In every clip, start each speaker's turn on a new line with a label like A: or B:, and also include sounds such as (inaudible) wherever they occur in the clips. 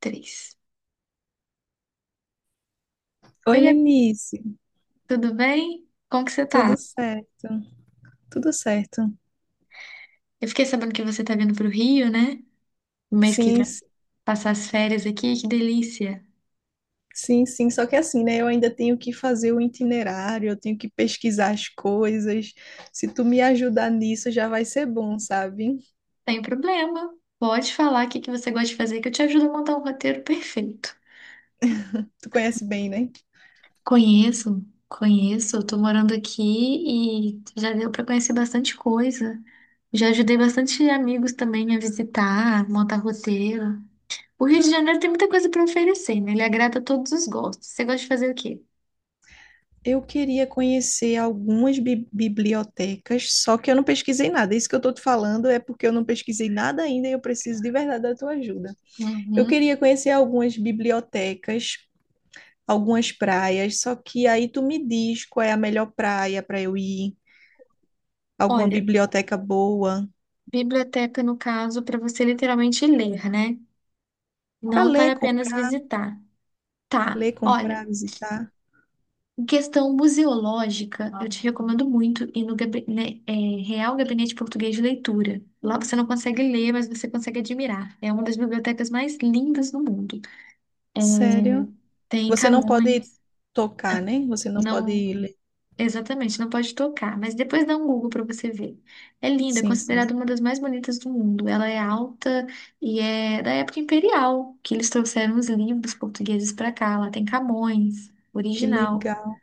A: Três.
B: Oi,
A: Oi, Gabi,
B: Lenice,
A: tudo bem? Como que você
B: tudo
A: tá?
B: certo? Tudo certo.
A: Eu fiquei sabendo que você tá vindo pro Rio, né? No mês que
B: Sim,
A: vem,
B: s-
A: passar as férias aqui, que delícia.
B: sim, sim. Só que assim, né? Eu ainda tenho que fazer o itinerário, eu tenho que pesquisar as coisas. Se tu me ajudar nisso, já vai ser bom, sabe?
A: Sem problema. Pode falar o que que você gosta de fazer, que eu te ajudo a montar um roteiro perfeito.
B: Tu conhece bem, né?
A: Conheço, conheço. Eu tô morando aqui e já deu pra conhecer bastante coisa. Já ajudei bastante amigos também a visitar, montar roteiro. O Rio de Janeiro tem muita coisa pra oferecer, né? Ele agrada a todos os gostos. Você gosta de fazer o quê?
B: Eu queria conhecer algumas bibliotecas, só que eu não pesquisei nada. Isso que eu tô te falando é porque eu não pesquisei nada ainda e eu preciso de verdade da tua ajuda. Eu
A: Uhum.
B: queria conhecer algumas bibliotecas algumas praias, só que aí tu me diz qual é a melhor praia para eu ir, alguma
A: Olha,
B: biblioteca boa
A: biblioteca, no caso, para você literalmente ler, né?
B: para
A: Não para apenas visitar. Tá,
B: ler,
A: olha,
B: comprar, visitar.
A: em questão museológica, eu te recomendo muito ir no Real Gabinete Português de Leitura. Lá você não consegue ler, mas você consegue admirar. É uma das bibliotecas mais lindas do mundo.
B: Sério?
A: Tem
B: Você não pode
A: Camões.
B: tocar, né? Você não
A: Não.
B: pode ler.
A: Exatamente, não pode tocar, mas depois dá um Google para você ver. É linda, é
B: Sim,
A: considerada
B: sim.
A: uma das mais bonitas do mundo. Ela é alta e é da época imperial, que eles trouxeram os livros portugueses para cá. Lá tem Camões
B: Que
A: original,
B: legal,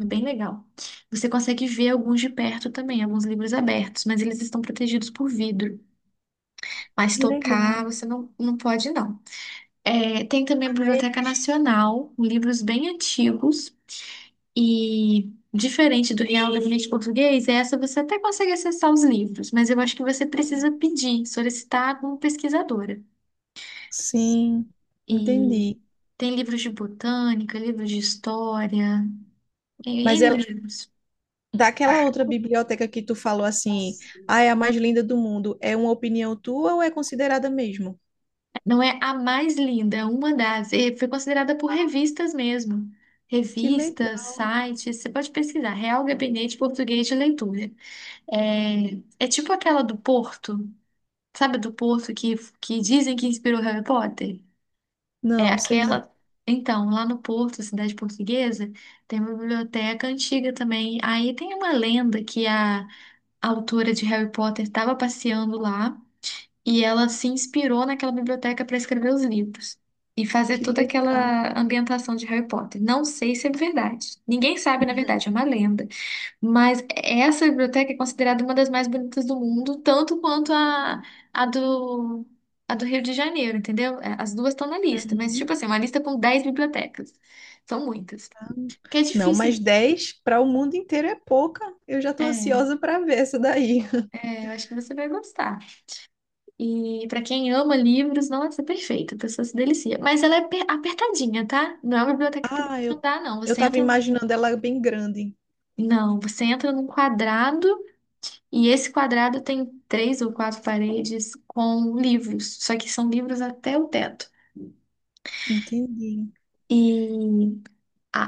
A: é bem legal. Você consegue ver alguns de perto também, alguns livros abertos, mas eles estão protegidos por vidro. Mas
B: que
A: tocar
B: legal.
A: você não, não pode, não. É, tem também a Biblioteca
B: Mas,
A: Nacional, livros bem antigos. E diferente do Real Gabinete Português, essa você até consegue acessar os livros, mas eu acho que você precisa pedir, solicitar como pesquisadora.
B: sim,
A: E
B: entendi.
A: tem livros de botânica, livros de história, tem
B: Mas
A: N
B: é
A: livros.
B: daquela outra biblioteca que tu falou assim, ah, é a mais linda do mundo. É uma opinião tua ou é considerada mesmo?
A: Não é a mais linda, é uma das. E foi considerada por revistas mesmo.
B: Que
A: Revistas,
B: legal.
A: sites, você pode pesquisar. Real Gabinete Português de Leitura. É, é tipo aquela do Porto. Sabe a do Porto que dizem que inspirou Harry Potter? É
B: Não, sei não.
A: aquela. Então, lá no Porto, cidade portuguesa, tem uma biblioteca antiga também. Aí tem uma lenda que a autora de Harry Potter estava passeando lá e ela se inspirou naquela biblioteca para escrever os livros e fazer
B: Que
A: toda
B: legal.
A: aquela ambientação de Harry Potter. Não sei se é verdade. Ninguém sabe, na verdade, é uma lenda. Mas essa biblioteca é considerada uma das mais bonitas do mundo, tanto quanto a do, a do Rio de Janeiro, entendeu? É, as duas estão na lista, mas
B: Uhum.
A: tipo assim, uma lista com 10 bibliotecas. São muitas. Que é
B: Não, mas
A: difícil.
B: 10 para o mundo inteiro é pouca. Eu já estou
A: É,
B: ansiosa para ver essa daí. (laughs)
A: eu acho que você vai gostar. E pra quem ama livros, nossa, é perfeito, a pessoa se delicia. Mas ela é apertadinha, tá? Não é uma biblioteca que dá
B: Ah,
A: pra
B: eu,
A: andar, não.
B: eu
A: Você
B: tava
A: entra.
B: imaginando ela bem grande.
A: Não, você entra num quadrado. E esse quadrado tem três ou quatro paredes com livros, só que são livros até o teto.
B: Entendi.
A: E a,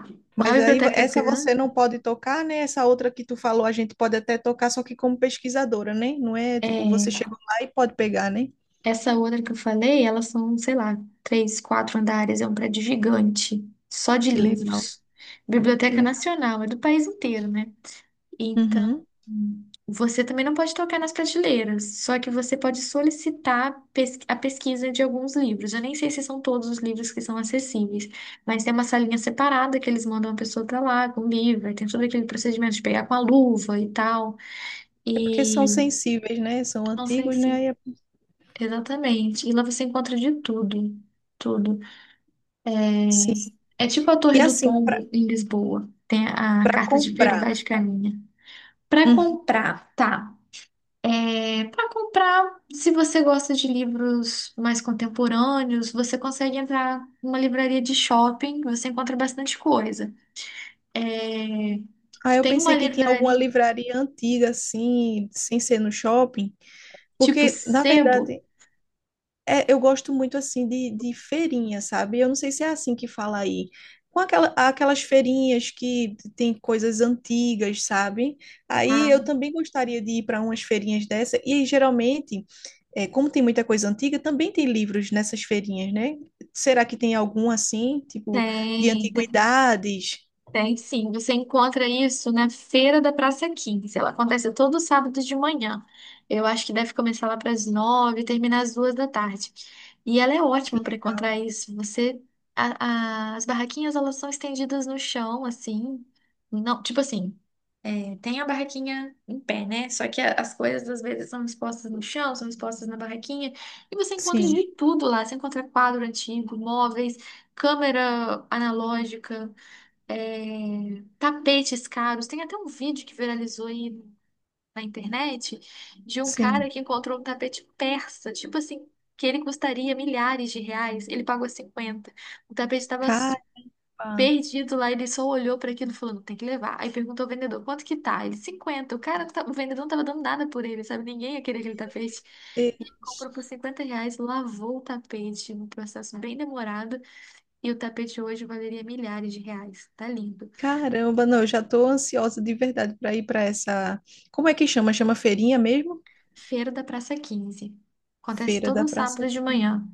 A: a
B: Mas aí
A: biblioteca
B: essa você não
A: grande.
B: pode tocar, né? Essa outra que tu falou, a gente pode até tocar, só que como pesquisadora, né? Não é tipo, você
A: É.
B: chegou lá e pode pegar, né?
A: Essa outra que eu falei, elas são, sei lá, três, quatro andares, é um prédio gigante, só de
B: Que legal,
A: livros.
B: que
A: Biblioteca
B: legal.
A: Nacional, é do país inteiro, né? Então,
B: Uhum.
A: você também não pode tocar nas prateleiras, só que você pode solicitar a pesquisa de alguns livros. Eu nem sei se são todos os livros que são acessíveis, mas tem uma salinha separada que eles mandam a pessoa pra lá com o livro, aí tem todo aquele procedimento de pegar com a luva e tal.
B: É porque são
A: E
B: sensíveis, né? São
A: não sei
B: antigos, né?
A: se.
B: Aí é-
A: Exatamente. E lá você encontra de tudo. Tudo.
B: Sim.
A: É, é tipo a
B: E
A: Torre do
B: assim,
A: Tombo em Lisboa. Tem a
B: para
A: carta de Pero
B: comprar.
A: Vaz de Caminha. Para comprar, tá. É, para comprar, se você gosta de livros mais contemporâneos, você consegue entrar numa livraria de shopping, você encontra bastante coisa. É,
B: Ah, eu
A: tem uma
B: pensei que tinha alguma
A: livraria
B: livraria antiga, assim, sem ser no shopping,
A: tipo
B: porque, na
A: Sebo?
B: verdade, é, eu gosto muito, assim, de feirinha, sabe? Eu não sei se é assim que fala aí. Com aquelas feirinhas que tem coisas antigas, sabe? Aí
A: Ah,
B: eu também gostaria de ir para umas feirinhas dessa, e geralmente, é, como tem muita coisa antiga, também tem livros nessas feirinhas, né? Será que tem algum, assim, tipo, de
A: tem, tem.
B: antiguidades?
A: Tem sim, você encontra isso na Feira da Praça Quinze. Ela acontece todo sábado de manhã. Eu acho que deve começar lá para as 9 e terminar às 2 da tarde. E ela é
B: Que
A: ótima para
B: le-
A: encontrar isso. Você, as barraquinhas elas são estendidas no chão, assim. Não, tipo assim, é, tem a barraquinha em pé, né? Só que as coisas às vezes são expostas no chão, são expostas na barraquinha. E você encontra
B: Sim,
A: de tudo lá. Você encontra quadro antigo, móveis, câmera analógica, é, tapetes caros. Tem até um vídeo que viralizou aí na internet de um cara
B: sim.
A: que encontrou um tapete persa, tipo assim, que ele custaria milhares de reais, ele pagou 50. O tapete estava
B: Caipa.
A: perdido lá, ele só olhou para aquilo e falou, não, tem que levar. Aí perguntou ao vendedor, quanto que tá? Ele, 50. O cara, o vendedor não estava dando nada por ele, sabe? Ninguém ia querer aquele tapete. E ele comprou
B: Deus.
A: por R$ 50, lavou o tapete, um processo bem demorado, e o tapete hoje valeria milhares de reais. Tá lindo.
B: Caramba, não, eu já tô ansiosa de verdade para ir para essa. Como é que chama? Chama feirinha mesmo?
A: Feira da Praça Quinze. Acontece
B: Feira da
A: todo
B: Praça
A: sábado de
B: aqui.
A: manhã.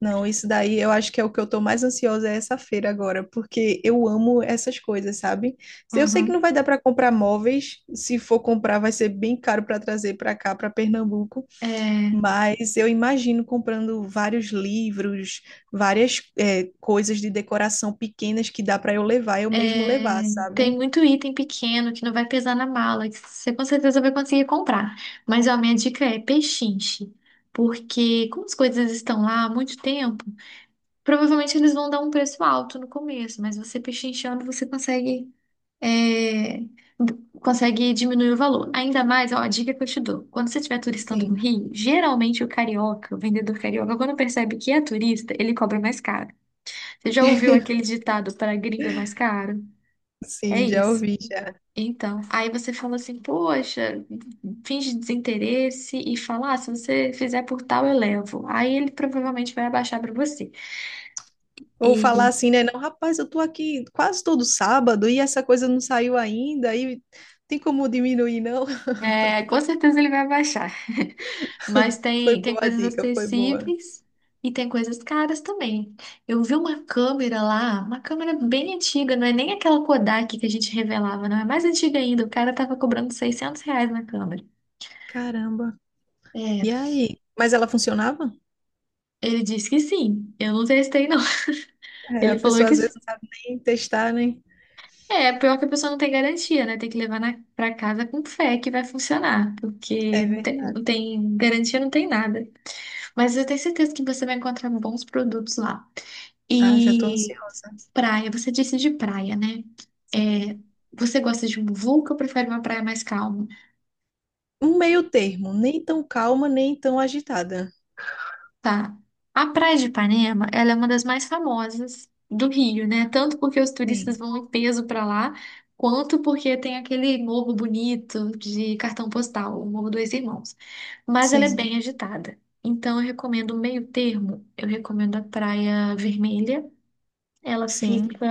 B: Não, isso daí eu acho que é o que eu tô mais ansiosa é essa feira agora, porque eu amo essas coisas, sabe? Eu sei que não
A: Uhum.
B: vai dar para comprar móveis, se for comprar vai ser bem caro para trazer para cá, para Pernambuco,
A: É,
B: mas eu imagino comprando vários livros, várias coisas de decoração pequenas que dá para eu levar, eu mesmo levar,
A: tem
B: sabe?
A: muito item pequeno que não vai pesar na mala, que você com certeza vai conseguir comprar. Mas ó, minha dica é pechinche, porque como as coisas estão lá há muito tempo, provavelmente eles vão dar um preço alto no começo, mas você pechinchando você é, consegue diminuir o valor. Ainda mais, ó, a dica que eu te dou. Quando você estiver turistando no
B: Sim.
A: Rio, geralmente o carioca, o vendedor carioca, quando percebe que é turista, ele cobra mais caro. Você já ouviu aquele ditado para gringo é mais caro? É
B: Sim, já
A: isso.
B: ouvi, já.
A: Então, aí você fala assim, poxa, finge desinteresse e fala, ah, se você fizer por tal, eu levo. Aí ele provavelmente vai abaixar para você.
B: Ou falar assim, né? Não, rapaz, eu tô aqui quase todo sábado e essa coisa não saiu ainda, e tem como diminuir, não? (laughs)
A: É, com certeza ele vai baixar. (laughs) Mas
B: Foi
A: tem
B: boa a
A: coisas
B: dica, foi boa.
A: acessíveis e tem coisas caras também. Eu vi uma câmera lá, uma câmera bem antiga, não é nem aquela Kodak que a gente revelava, não é mais antiga ainda. O cara tava cobrando R$ 600 na câmera.
B: Caramba.
A: É,
B: E aí? Mas ela funcionava?
A: ele disse que sim. Eu não testei, não. (laughs)
B: É, a
A: Ele falou
B: pessoa
A: que
B: às
A: sim.
B: vezes não sabe nem testar, né?
A: É, pior que a pessoa não tem garantia, né? Tem que levar na, pra casa com fé que vai funcionar,
B: É
A: porque não tem, não
B: verdade.
A: tem garantia, não tem nada. Mas eu tenho certeza que você vai encontrar bons produtos lá.
B: Ah, já tô
A: E
B: ansiosa.
A: praia, você disse de praia, né?
B: Sim.
A: É, você gosta de muvuca ou prefere uma praia mais calma?
B: Um meio termo, nem tão calma, nem tão agitada.
A: Tá. A Praia de Ipanema, ela é uma das mais famosas do Rio, né? Tanto porque os turistas
B: Sim,
A: vão em peso pra lá, quanto porque tem aquele morro bonito de cartão postal, o Morro dos Irmãos. Mas ela é
B: sim,
A: bem agitada. Então, eu recomendo o meio termo. Eu recomendo a Praia Vermelha. Ela
B: sim.
A: fica.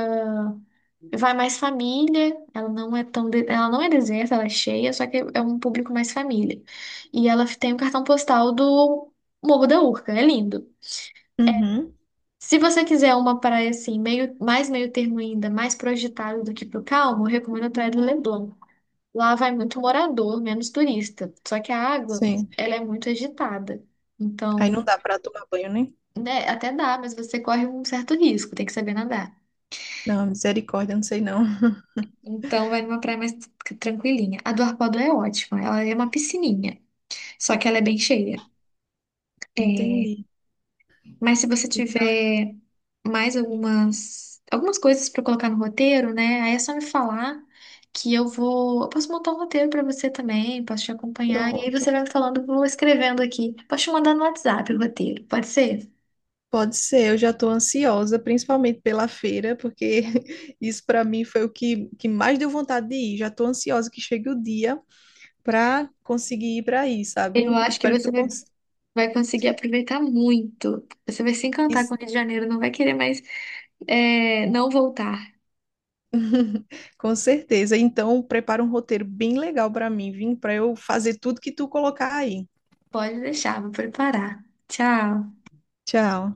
A: Vai mais família, ela não é tão, ela não é deserta, ela é cheia, só que é um público mais família. E ela tem o cartão postal do Morro da Urca, é lindo.
B: Uhum,
A: Se você quiser uma praia assim, meio, mais meio termo ainda, mais pro agitado do que pro calmo, eu recomendo a Praia do Leblon. Lá vai muito morador, menos turista. Só que a água,
B: sim.
A: ela é muito agitada.
B: Aí não
A: Então,
B: dá pra tomar banho, né?
A: né, até dá, mas você corre um certo risco, tem que saber nadar.
B: Não, misericórdia, não sei não. (laughs)
A: Então vai numa praia mais tranquilinha. A do Arpoador é ótima, ela é uma piscininha, só que ela é bem cheia. É,
B: Entendi.
A: mas se você tiver mais algumas coisas para colocar no roteiro, né? Aí é só me falar que eu vou, eu posso montar um roteiro para você também, posso te acompanhar e aí você
B: Pronto.
A: vai me falando, eu vou escrevendo aqui. Posso te mandar no WhatsApp o roteiro, pode ser?
B: Pode ser, eu já estou ansiosa, principalmente pela feira, porque (laughs) isso para mim foi que mais deu vontade de ir. Já estou ansiosa que chegue o dia para conseguir ir para aí,
A: Eu
B: sabe?
A: acho que
B: Espero que
A: você
B: tu
A: vai,
B: cons
A: vai conseguir aproveitar muito. Você vai se encantar com
B: is-
A: o Rio de Janeiro, não vai querer mais não voltar.
B: com certeza. Então, prepara um roteiro bem legal para mim, vim para eu fazer tudo que tu colocar aí.
A: Pode deixar, vou preparar. Tchau.
B: Tchau.